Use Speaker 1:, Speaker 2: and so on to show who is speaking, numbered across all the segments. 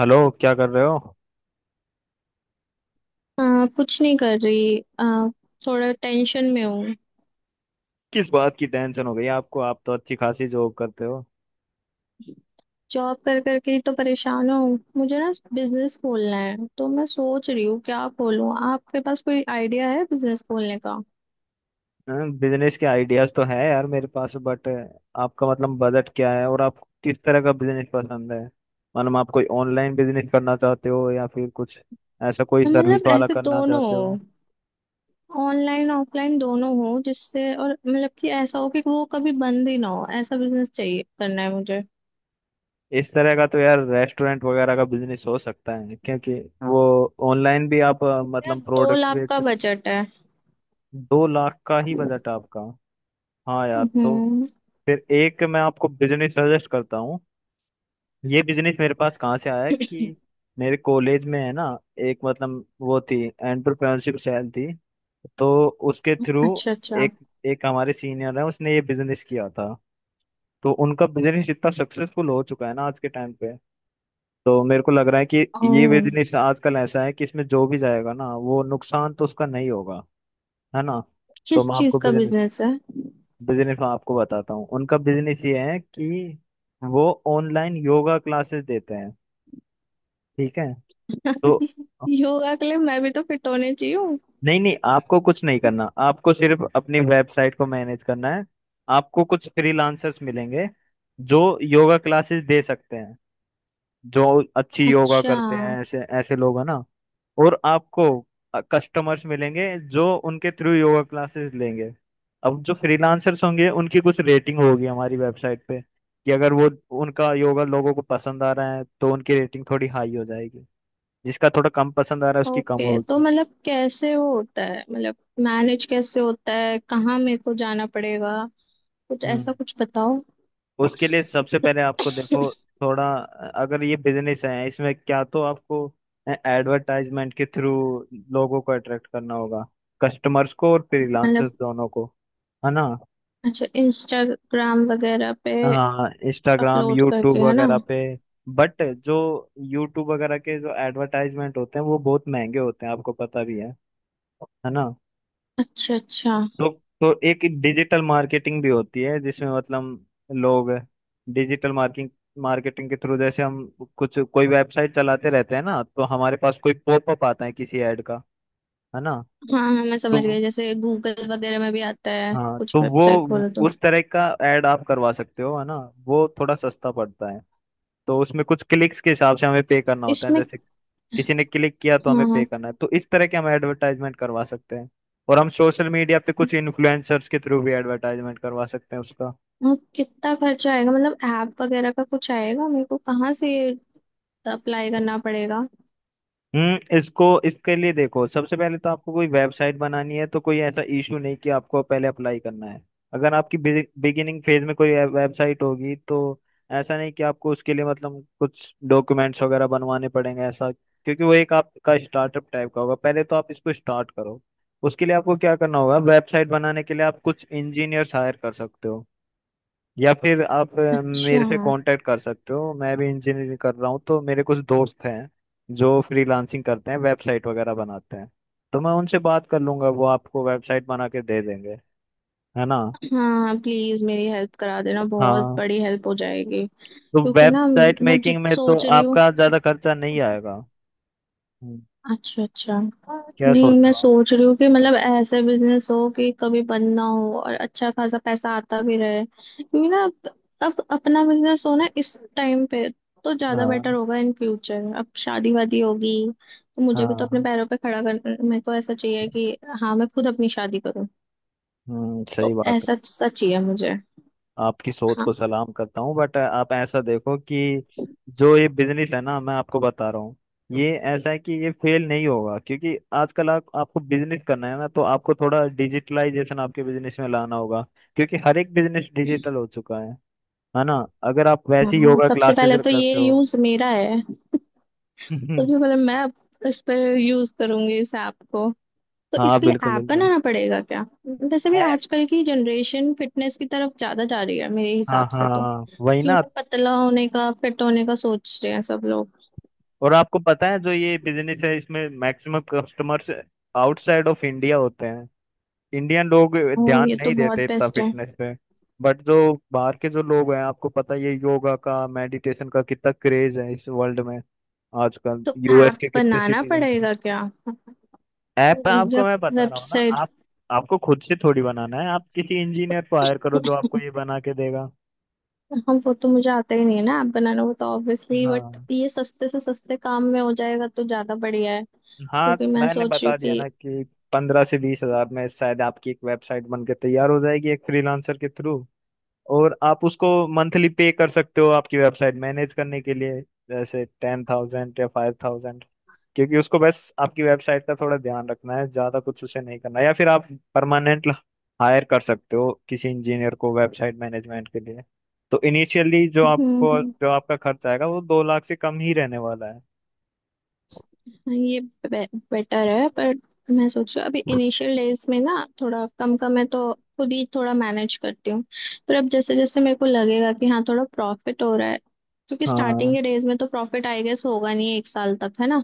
Speaker 1: Hello. क्या कर रहे हो?
Speaker 2: हाँ, कुछ नहीं कर रही थोड़ा टेंशन में हूँ।
Speaker 1: किस बात की टेंशन हो गई आपको? आप तो अच्छी खासी जॉब करते हो।
Speaker 2: जॉब कर करके ही तो परेशान हूँ, मुझे ना बिजनेस खोलना है, तो मैं सोच रही हूँ क्या खोलूँ। आपके पास कोई आइडिया है बिजनेस खोलने का?
Speaker 1: बिजनेस के आइडियाज तो है यार मेरे पास, बट आपका मतलब बजट क्या है और आप किस तरह का बिजनेस पसंद है? मतलब आप कोई ऑनलाइन बिजनेस करना चाहते हो या फिर कुछ ऐसा कोई सर्विस
Speaker 2: मतलब
Speaker 1: वाला
Speaker 2: ऐसे
Speaker 1: करना
Speaker 2: दोनों
Speaker 1: चाहते
Speaker 2: हो,
Speaker 1: हो?
Speaker 2: ऑनलाइन ऑफलाइन दोनों हो जिससे, और मतलब कि ऐसा हो कि वो कभी बंद ही ना हो। ऐसा बिजनेस चाहिए, करना है मुझे।
Speaker 1: इस तरह का तो यार रेस्टोरेंट वगैरह का बिजनेस हो सकता है, क्योंकि वो ऑनलाइन भी आप
Speaker 2: मेरा
Speaker 1: मतलब
Speaker 2: दो
Speaker 1: प्रोडक्ट्स
Speaker 2: लाख
Speaker 1: बेच
Speaker 2: का
Speaker 1: सकते।
Speaker 2: बजट है।
Speaker 1: 2 लाख का ही बजट आपका? हाँ यार, तो
Speaker 2: हम्म।
Speaker 1: फिर एक मैं आपको बिजनेस सजेस्ट करता हूँ। ये बिजनेस मेरे पास कहाँ से आया कि मेरे कॉलेज में है ना, एक मतलब वो थी एंटरप्रेन्योरशिप सेल थी, तो उसके थ्रू
Speaker 2: अच्छा अच्छा।
Speaker 1: एक एक हमारे सीनियर है, उसने ये बिजनेस किया था। तो उनका बिजनेस इतना सक्सेसफुल हो चुका है ना आज के टाइम पे, तो मेरे को लग रहा है कि ये
Speaker 2: ओह,
Speaker 1: बिजनेस आजकल ऐसा है कि इसमें जो भी जाएगा ना वो नुकसान तो उसका नहीं होगा, है ना? तो
Speaker 2: किस
Speaker 1: मैं
Speaker 2: चीज
Speaker 1: आपको
Speaker 2: का
Speaker 1: बिजनेस
Speaker 2: बिजनेस है?
Speaker 1: बिजनेस मैं आपको बताता हूँ। उनका बिजनेस ये है कि वो ऑनलाइन योगा क्लासेस देते हैं। ठीक है। तो
Speaker 2: योगा के लिए मैं भी तो फिट होने चाहिए।
Speaker 1: नहीं नहीं आपको कुछ नहीं करना, आपको सिर्फ अपनी वेबसाइट को मैनेज करना है। आपको कुछ फ्रीलांसर्स मिलेंगे जो योगा क्लासेस दे सकते हैं, जो अच्छी योगा
Speaker 2: अच्छा।
Speaker 1: करते हैं ऐसे ऐसे लोग हैं ना। और आपको कस्टमर्स मिलेंगे जो उनके थ्रू योगा क्लासेस लेंगे। अब जो फ्रीलांसर्स होंगे उनकी कुछ रेटिंग होगी हमारी वेबसाइट पे, कि अगर वो उनका योगा लोगों को पसंद आ रहा है तो उनकी रेटिंग थोड़ी हाई हो जाएगी, जिसका थोड़ा कम पसंद आ रहा है उसकी कम
Speaker 2: ओके, तो
Speaker 1: होगी।
Speaker 2: मतलब कैसे वो होता है? मतलब मैनेज कैसे होता है? कहाँ मेरे को जाना पड़ेगा? कुछ
Speaker 1: हम्म
Speaker 2: ऐसा, कुछ बताओ।
Speaker 1: उसके लिए सबसे पहले आपको देखो, थोड़ा अगर ये बिजनेस है इसमें क्या तो आपको एडवर्टाइजमेंट के थ्रू लोगों को अट्रैक्ट करना होगा, कस्टमर्स को और
Speaker 2: मतलब,
Speaker 1: फ्रीलांसर्स दोनों को, है ना?
Speaker 2: अच्छा, इंस्टाग्राम वगैरह पे
Speaker 1: हाँ इंस्टाग्राम
Speaker 2: अपलोड
Speaker 1: यूट्यूब
Speaker 2: करके, है ना?
Speaker 1: वगैरह पे। बट जो यूट्यूब वगैरह के जो एडवर्टाइजमेंट होते हैं वो बहुत महंगे होते हैं, आपको पता भी है ना?
Speaker 2: अच्छा अच्छा, हाँ।
Speaker 1: तो तो एक डिजिटल मार्केटिंग भी होती है जिसमें मतलब लोग डिजिटल मार्किंग मार्केटिंग के थ्रू, जैसे हम कुछ कोई वेबसाइट चलाते रहते हैं ना तो हमारे पास कोई पॉपअप आता है किसी ऐड का, है ना?
Speaker 2: हाँ, मैं समझ
Speaker 1: तो
Speaker 2: गई। जैसे गूगल वगैरह में भी आता है,
Speaker 1: हाँ,
Speaker 2: कुछ
Speaker 1: तो
Speaker 2: वेबसाइट खोलो
Speaker 1: वो
Speaker 2: तो।
Speaker 1: उस तरह का ऐड आप करवा सकते हो, है ना? वो थोड़ा सस्ता पड़ता है। तो उसमें कुछ क्लिक्स के हिसाब से हमें पे करना होता है,
Speaker 2: इसमें।
Speaker 1: जैसे किसी ने क्लिक किया तो हमें पे
Speaker 2: हाँ।
Speaker 1: करना है, तो इस तरह के हम एडवर्टाइजमेंट करवा सकते हैं। और हम सोशल मीडिया पे कुछ इन्फ्लुएंसर्स के थ्रू भी एडवर्टाइजमेंट करवा सकते हैं उसका।
Speaker 2: हाँ, कितना खर्चा आएगा? मतलब ऐप वगैरह का कुछ आएगा मेरे को? कहाँ से अप्लाई करना पड़ेगा?
Speaker 1: इसको इसके लिए देखो सबसे पहले तो आपको कोई वेबसाइट बनानी है, तो कोई ऐसा इशू नहीं कि आपको पहले अप्लाई करना है। अगर आपकी बिगिनिंग फेज में कोई वेबसाइट होगी तो ऐसा नहीं कि आपको उसके लिए मतलब कुछ डॉक्यूमेंट्स वगैरह बनवाने पड़ेंगे ऐसा, क्योंकि वो एक आपका स्टार्टअप टाइप का होगा, पहले तो आप इसको स्टार्ट करो। उसके लिए आपको क्या करना होगा, वेबसाइट बनाने के लिए आप कुछ इंजीनियर्स हायर कर सकते हो, या फिर आप
Speaker 2: अच्छा।
Speaker 1: मेरे से कांटेक्ट कर सकते हो, मैं भी इंजीनियरिंग कर रहा हूँ तो मेरे कुछ दोस्त हैं जो फ्रीलांसिंग करते हैं, वेबसाइट वगैरह बनाते हैं। तो मैं उनसे बात कर लूंगा, वो आपको वेबसाइट बना के दे देंगे, है ना?
Speaker 2: हाँ, प्लीज मेरी हेल्प करा देना, बहुत
Speaker 1: हाँ,
Speaker 2: बड़ी हेल्प हो जाएगी।
Speaker 1: तो
Speaker 2: क्योंकि ना,
Speaker 1: वेबसाइट
Speaker 2: मैं
Speaker 1: मेकिंग
Speaker 2: जित
Speaker 1: में तो
Speaker 2: सोच रही हूँ।
Speaker 1: आपका ज़्यादा खर्चा नहीं आएगा। हम्म,
Speaker 2: अच्छा अच्छा।
Speaker 1: क्या सोच
Speaker 2: नहीं,
Speaker 1: रहे
Speaker 2: मैं
Speaker 1: हो आप?
Speaker 2: सोच रही हूँ कि मतलब ऐसे बिजनेस हो कि कभी बंद ना हो और अच्छा खासा पैसा आता भी रहे। क्योंकि ना अब अपना बिजनेस हो ना इस टाइम पे, तो ज्यादा बेटर
Speaker 1: हाँ
Speaker 2: होगा। इन फ्यूचर अब शादी वादी होगी, तो मुझे भी तो अपने
Speaker 1: हाँ।
Speaker 2: पैरों पे खड़ा कर, मेरे को ऐसा चाहिए कि हाँ मैं खुद अपनी शादी करूँ।
Speaker 1: सही
Speaker 2: तो
Speaker 1: बात है।
Speaker 2: ऐसा सच ही है मुझे।
Speaker 1: आपकी सोच को
Speaker 2: हाँ।
Speaker 1: सलाम करता हूँ, बट आप ऐसा देखो कि जो ये बिजनेस है ना मैं आपको बता रहा हूँ, ये ऐसा है कि ये फेल नहीं होगा, क्योंकि आजकल आपको बिजनेस करना है ना, तो आपको थोड़ा डिजिटलाइजेशन आपके बिजनेस में लाना होगा। क्योंकि हर एक बिजनेस डिजिटल हो चुका है ना? अगर आप वैसी
Speaker 2: हाँ,
Speaker 1: योगा
Speaker 2: सबसे
Speaker 1: क्लासेस
Speaker 2: पहले तो ये
Speaker 1: करते हो।
Speaker 2: यूज मेरा है। सबसे पहले मैं इस पर यूज करूंगी इस ऐप को। तो
Speaker 1: हाँ
Speaker 2: इसके लिए
Speaker 1: बिल्कुल
Speaker 2: ऐप
Speaker 1: बिल्कुल।
Speaker 2: बनाना पड़ेगा क्या? वैसे भी
Speaker 1: ऐप।
Speaker 2: आजकल की जनरेशन फिटनेस की तरफ ज्यादा जा रही है मेरे
Speaker 1: हाँ
Speaker 2: हिसाब से
Speaker 1: हाँ
Speaker 2: तो।
Speaker 1: हाँ, वही
Speaker 2: क्यों
Speaker 1: ना।
Speaker 2: ना, पतला होने का फिट होने का सोच रहे हैं सब लोग।
Speaker 1: और आपको पता है जो ये बिजनेस है इसमें maximum customers outside of India होते हैं। इंडियन लोग
Speaker 2: ओह,
Speaker 1: ध्यान
Speaker 2: ये तो
Speaker 1: नहीं देते
Speaker 2: बहुत
Speaker 1: इतना
Speaker 2: बेस्ट है।
Speaker 1: फिटनेस पे। बट जो बाहर के जो लोग हैं आपको पता ही है ये योगा का मेडिटेशन का कितना क्रेज है इस वर्ल्ड में। आजकल
Speaker 2: तो
Speaker 1: यूएस
Speaker 2: ऐप
Speaker 1: के कितने
Speaker 2: बनाना
Speaker 1: सिटीजन।
Speaker 2: पड़ेगा क्या
Speaker 1: ऐप
Speaker 2: या
Speaker 1: आपको मैं बता रहा हूँ ना।
Speaker 2: वेबसाइट?
Speaker 1: आप आपको खुद से थोड़ी बनाना है, आप किसी इंजीनियर को हायर करो जो आपको ये बना के देगा।
Speaker 2: हम, वो तो मुझे आता ही नहीं है ना ऐप बनाना, वो तो ऑब्वियसली। बट
Speaker 1: हाँ,
Speaker 2: ये सस्ते से सस्ते काम में हो जाएगा तो ज्यादा बढ़िया है।
Speaker 1: हाँ
Speaker 2: क्योंकि मैं
Speaker 1: मैंने
Speaker 2: सोच रही
Speaker 1: बता
Speaker 2: हूँ
Speaker 1: दिया
Speaker 2: कि,
Speaker 1: ना कि 15 से 20 हजार में शायद आपकी एक वेबसाइट बनकर तैयार हो जाएगी एक फ्रीलांसर के थ्रू। और आप उसको मंथली पे कर सकते हो आपकी वेबसाइट मैनेज करने के लिए, जैसे 10,000 या 5,000। क्योंकि उसको बस आपकी वेबसाइट का थोड़ा ध्यान रखना है, ज्यादा कुछ उसे नहीं करना, या फिर आप परमानेंट हायर कर सकते हो किसी इंजीनियर को वेबसाइट मैनेजमेंट के लिए। तो इनिशियली जो
Speaker 2: हम्म
Speaker 1: आपको
Speaker 2: हम्म,
Speaker 1: जो आपका खर्च आएगा वो 2 लाख से कम ही रहने वाला है।
Speaker 2: हाँ, ये बेटर है। पर मैं सोच रही हूँ अभी इनिशियल डेज में ना थोड़ा कम कम है, तो खुद ही थोड़ा मैनेज करती हूँ। पर अब जैसे जैसे मेरे को लगेगा कि हाँ थोड़ा प्रॉफिट हो रहा है, क्योंकि स्टार्टिंग
Speaker 1: हाँ।
Speaker 2: के डेज में तो प्रॉफिट आई गेस होगा नहीं एक साल तक, है ना?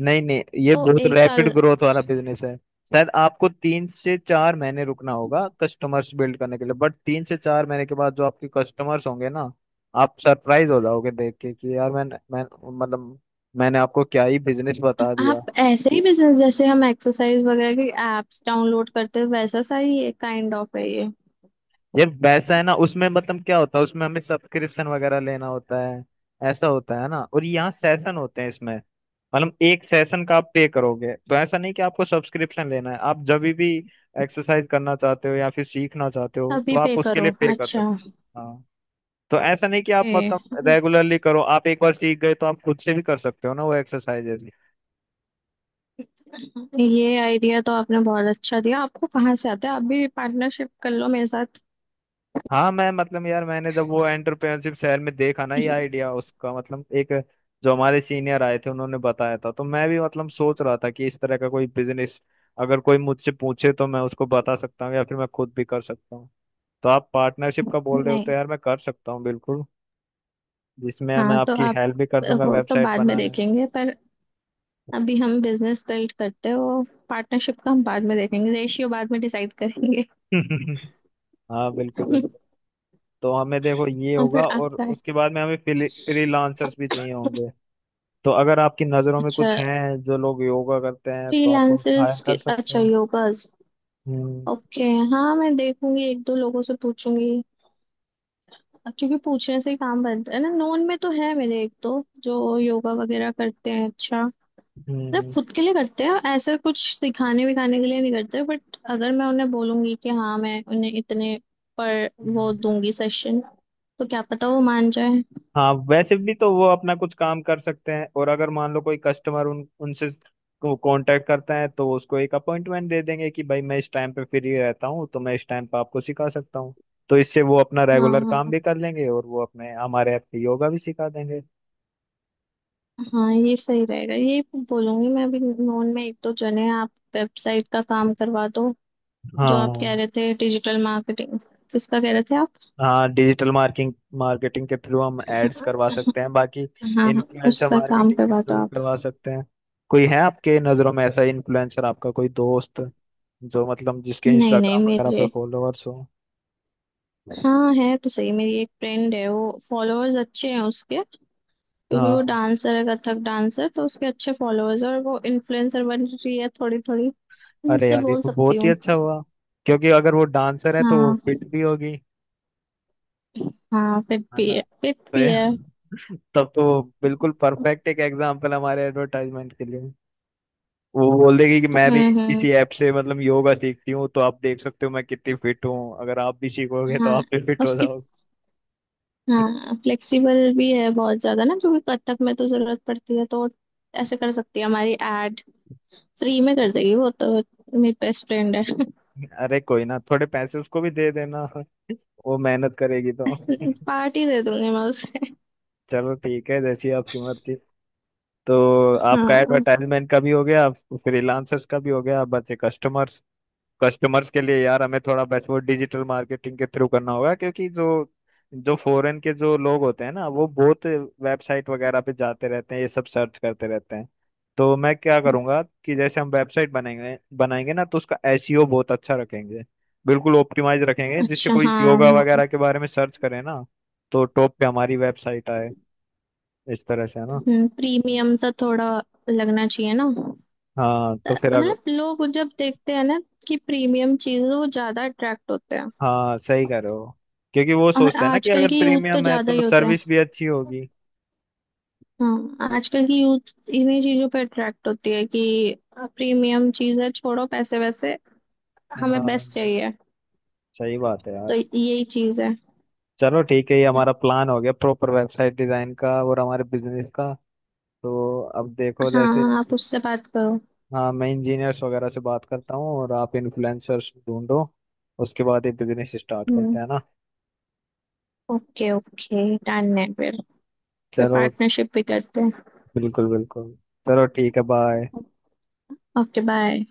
Speaker 1: नहीं नहीं ये
Speaker 2: तो
Speaker 1: बहुत
Speaker 2: एक
Speaker 1: रैपिड
Speaker 2: साल।
Speaker 1: ग्रोथ वाला बिजनेस है, शायद आपको 3 से 4 महीने रुकना होगा कस्टमर्स बिल्ड करने के लिए, बट 3 से 4 महीने के बाद जो आपके कस्टमर्स होंगे ना, आप सरप्राइज हो जाओगे देख के कि यार मैंने मैं मतलब मैंने आपको क्या ही बिजनेस बता दिया।
Speaker 2: आप ऐसे ही बिजनेस, जैसे हम एक्सरसाइज वगैरह की एप्स डाउनलोड करते हैं वैसा सा ही ये, काइंड ऑफ है ये।
Speaker 1: ये वैसा है ना, उसमें मतलब क्या होता है उसमें हमें सब्सक्रिप्शन वगैरह लेना होता है, ऐसा होता है ना, और यहाँ सेशन होते हैं इसमें। मतलब एक सेशन का आप पे करोगे तो ऐसा नहीं कि आपको सब्सक्रिप्शन लेना है, आप जब भी एक्सरसाइज करना चाहते हो या फिर सीखना चाहते हो तो
Speaker 2: अभी
Speaker 1: आप
Speaker 2: पे
Speaker 1: उसके
Speaker 2: करो,
Speaker 1: लिए पे कर
Speaker 2: अच्छा।
Speaker 1: सकते हो, हाँ। तो ऐसा नहीं कि आप
Speaker 2: ए,
Speaker 1: मतलब रेगुलरली करो, आप एक बार सीख गए तो आप खुद से भी कर सकते हो ना वो एक्सरसाइजेस।
Speaker 2: ये आइडिया तो आपने बहुत अच्छा दिया। आपको कहाँ से आता है? आप भी पार्टनरशिप कर लो मेरे साथ।
Speaker 1: हाँ मैं मतलब यार मैंने जब वो एंटरप्रेन्योरशिप शहर में देखा ना ये आइडिया उसका मतलब एक जो हमारे सीनियर आए थे उन्होंने बताया था, तो मैं भी मतलब सोच रहा था कि इस तरह का कोई बिजनेस अगर कोई मुझसे पूछे तो मैं उसको बता सकता हूँ या फिर मैं खुद भी कर सकता हूँ। तो आप पार्टनरशिप का बोल रहे हो
Speaker 2: नहीं,
Speaker 1: तो यार मैं कर सकता हूँ बिल्कुल, जिसमें मैं
Speaker 2: हाँ, तो
Speaker 1: आपकी
Speaker 2: आप,
Speaker 1: हेल्प भी कर दूंगा
Speaker 2: वो तो
Speaker 1: वेबसाइट
Speaker 2: बाद में
Speaker 1: बनाने
Speaker 2: देखेंगे। पर अभी हम बिजनेस बिल्ड करते हैं वो। पार्टनरशिप का हम बाद में देखेंगे, रेशियो बाद में डिसाइड करेंगे।
Speaker 1: में। हाँ बिल्कुल बिल्कुल। तो हमें देखो ये
Speaker 2: और
Speaker 1: होगा
Speaker 2: फिर
Speaker 1: और
Speaker 2: आपका है।
Speaker 1: उसके बाद में हमें फ्रीलांसर्स भी चाहिए होंगे। तो अगर आपकी नजरों में
Speaker 2: अच्छा,
Speaker 1: कुछ हैं जो लोग योगा करते हैं तो आप उनको हायर
Speaker 2: फ्रीलांसर्स
Speaker 1: कर
Speaker 2: के,
Speaker 1: सकते
Speaker 2: अच्छा
Speaker 1: हैं।
Speaker 2: योगास।
Speaker 1: हम्म
Speaker 2: ओके। हाँ, मैं देखूंगी एक दो लोगों से पूछूंगी। क्योंकि पूछने से ही काम बनता है ना। नोन में तो है मेरे एक दो जो योगा वगैरह करते हैं, अच्छा। मतलब
Speaker 1: हम्म
Speaker 2: खुद के लिए करते हैं ऐसे, कुछ सिखाने विखाने के लिए नहीं करते। बट अगर मैं उन्हें बोलूंगी कि हाँ मैं उन्हें इतने पर वो
Speaker 1: हम्म।
Speaker 2: दूंगी सेशन, तो क्या पता वो मान जाए।
Speaker 1: हाँ वैसे भी तो वो अपना कुछ काम कर सकते हैं और अगर मान लो कोई कस्टमर उन उनसे कांटेक्ट करता है तो उसको एक अपॉइंटमेंट दे देंगे कि भाई मैं इस टाइम पे फ्री रहता हूँ तो मैं इस टाइम पे आपको सिखा सकता हूँ। तो इससे वो अपना
Speaker 2: हाँ
Speaker 1: रेगुलर काम
Speaker 2: हाँ।
Speaker 1: भी कर लेंगे और वो अपने हमारे ऐप पे योगा भी सिखा देंगे।
Speaker 2: हाँ, ये सही रहेगा ये। बोलूंगी मैं अभी, नोन में एक दो जने हैं। आप वेबसाइट का काम करवा दो। जो आप कह
Speaker 1: हाँ,
Speaker 2: रहे थे डिजिटल मार्केटिंग, किसका कह रहे थे आप?
Speaker 1: हाँ डिजिटल मार्किंग मार्केटिंग के थ्रू हम एड्स करवा
Speaker 2: हाँ।
Speaker 1: सकते हैं, बाकी
Speaker 2: हाँ,
Speaker 1: इन्फ्लुएंसर
Speaker 2: उसका काम
Speaker 1: मार्केटिंग के
Speaker 2: करवा
Speaker 1: थ्रू
Speaker 2: दो
Speaker 1: भी
Speaker 2: आप।
Speaker 1: करवा सकते हैं। कोई है आपके नज़रों में ऐसा इन्फ्लुएंसर, आपका कोई दोस्त जो मतलब जिसके
Speaker 2: नहीं
Speaker 1: इंस्टाग्राम
Speaker 2: नहीं,
Speaker 1: वगैरह पे
Speaker 2: मेरे,
Speaker 1: फॉलोअर्स हो?
Speaker 2: हाँ है तो, सही। मेरी एक फ्रेंड है, वो फॉलोअर्स अच्छे हैं उसके। क्योंकि वो
Speaker 1: हाँ।
Speaker 2: डांसर है, कथक डांसर, तो उसके अच्छे फॉलोअर्स, और वो इन्फ्लुएंसर बन रही है थोड़ी थोड़ी। मैं
Speaker 1: अरे
Speaker 2: उससे
Speaker 1: यार ये
Speaker 2: बोल
Speaker 1: तो
Speaker 2: सकती
Speaker 1: बहुत ही
Speaker 2: हूँ।
Speaker 1: अच्छा हुआ, क्योंकि अगर वो डांसर है तो वो
Speaker 2: हाँ।
Speaker 1: फिट भी होगी,
Speaker 2: हाँ फिट
Speaker 1: है
Speaker 2: भी
Speaker 1: ना?
Speaker 2: है, फिट
Speaker 1: तो
Speaker 2: भी है।
Speaker 1: ये- तब तो बिल्कुल परफेक्ट एक एग्जाम्पल हमारे एडवर्टाइजमेंट के लिए। वो बोल देगी कि मैं भी
Speaker 2: हम्म।
Speaker 1: इसी ऐप से मतलब योगा सीखती हूँ, तो आप देख सकते हो मैं कितनी फिट हूँ, अगर आप भी सीखोगे तो
Speaker 2: हाँ,
Speaker 1: आप भी फिट हो
Speaker 2: उसकी,
Speaker 1: जाओगे।
Speaker 2: हाँ फ्लेक्सिबल भी है बहुत ज्यादा ना, क्योंकि कथक में तो जरूरत पड़ती है, तो ऐसे कर सकती है हमारी एड। फ्री में कर देगी वो तो, मेरी बेस्ट फ्रेंड है।
Speaker 1: अरे कोई ना, थोड़े पैसे उसको भी दे देना, वो मेहनत करेगी तो।
Speaker 2: पार्टी दे दूंगी मैं उसे।
Speaker 1: चलो ठीक है, जैसी आपकी मर्जी। तो आपका
Speaker 2: हाँ।
Speaker 1: एडवर्टाइजमेंट का भी हो गया, फ्रीलांसर्स का भी हो गया, अब बचे कस्टमर्स। कस्टमर्स के लिए यार हमें थोड़ा बेस्ट वो डिजिटल मार्केटिंग के थ्रू करना होगा, क्योंकि जो जो फॉरेन के जो लोग होते हैं ना वो बहुत वेबसाइट वगैरह पे जाते रहते हैं, ये सब सर्च करते रहते हैं। तो मैं क्या करूंगा कि जैसे हम वेबसाइट बनाएंगे बनाएंगे ना तो उसका एसईओ बहुत अच्छा रखेंगे, बिल्कुल ऑप्टिमाइज रखेंगे, जिससे
Speaker 2: अच्छा,
Speaker 1: कोई
Speaker 2: हाँ।
Speaker 1: योगा
Speaker 2: हाँ,
Speaker 1: वगैरह के बारे में सर्च करे ना तो टॉप पे हमारी वेबसाइट आए, इस तरह से, है ना?
Speaker 2: प्रीमियम सा थोड़ा लगना चाहिए ना।
Speaker 1: हाँ, तो फिर
Speaker 2: तो
Speaker 1: अगर।
Speaker 2: मतलब लोग जब देखते हैं ना कि प्रीमियम चीज, वो ज्यादा अट्रैक्ट होते हैं।
Speaker 1: हाँ सही कह रहे हो, क्योंकि वो
Speaker 2: और
Speaker 1: सोचते हैं ना कि
Speaker 2: आजकल
Speaker 1: अगर
Speaker 2: की यूथ तो
Speaker 1: प्रीमियम है
Speaker 2: ज्यादा ही
Speaker 1: तो
Speaker 2: होते हैं।
Speaker 1: सर्विस भी अच्छी होगी।
Speaker 2: हाँ आजकल की यूथ इन्हीं चीजों पे अट्रैक्ट होती है कि प्रीमियम चीज है, छोड़ो पैसे वैसे, हमें
Speaker 1: हाँ
Speaker 2: बेस्ट चाहिए।
Speaker 1: सही बात है
Speaker 2: तो
Speaker 1: यार।
Speaker 2: यही चीज है।
Speaker 1: चलो ठीक है, ये हमारा प्लान हो गया प्रॉपर वेबसाइट डिजाइन का और हमारे बिजनेस का। तो अब देखो जैसे
Speaker 2: हाँ, आप उससे बात करो।
Speaker 1: हाँ मैं इंजीनियर्स वगैरह से बात करता हूँ और आप इन्फ्लुएंसर्स ढूंढो, उसके बाद ये बिजनेस स्टार्ट करते
Speaker 2: हम्म।
Speaker 1: हैं ना।
Speaker 2: ओके ओके, डन है फिर। फिर
Speaker 1: चलो
Speaker 2: पार्टनरशिप भी करते
Speaker 1: बिल्कुल बिल्कुल, चलो ठीक है बाय।
Speaker 2: हैं। Okay, bye.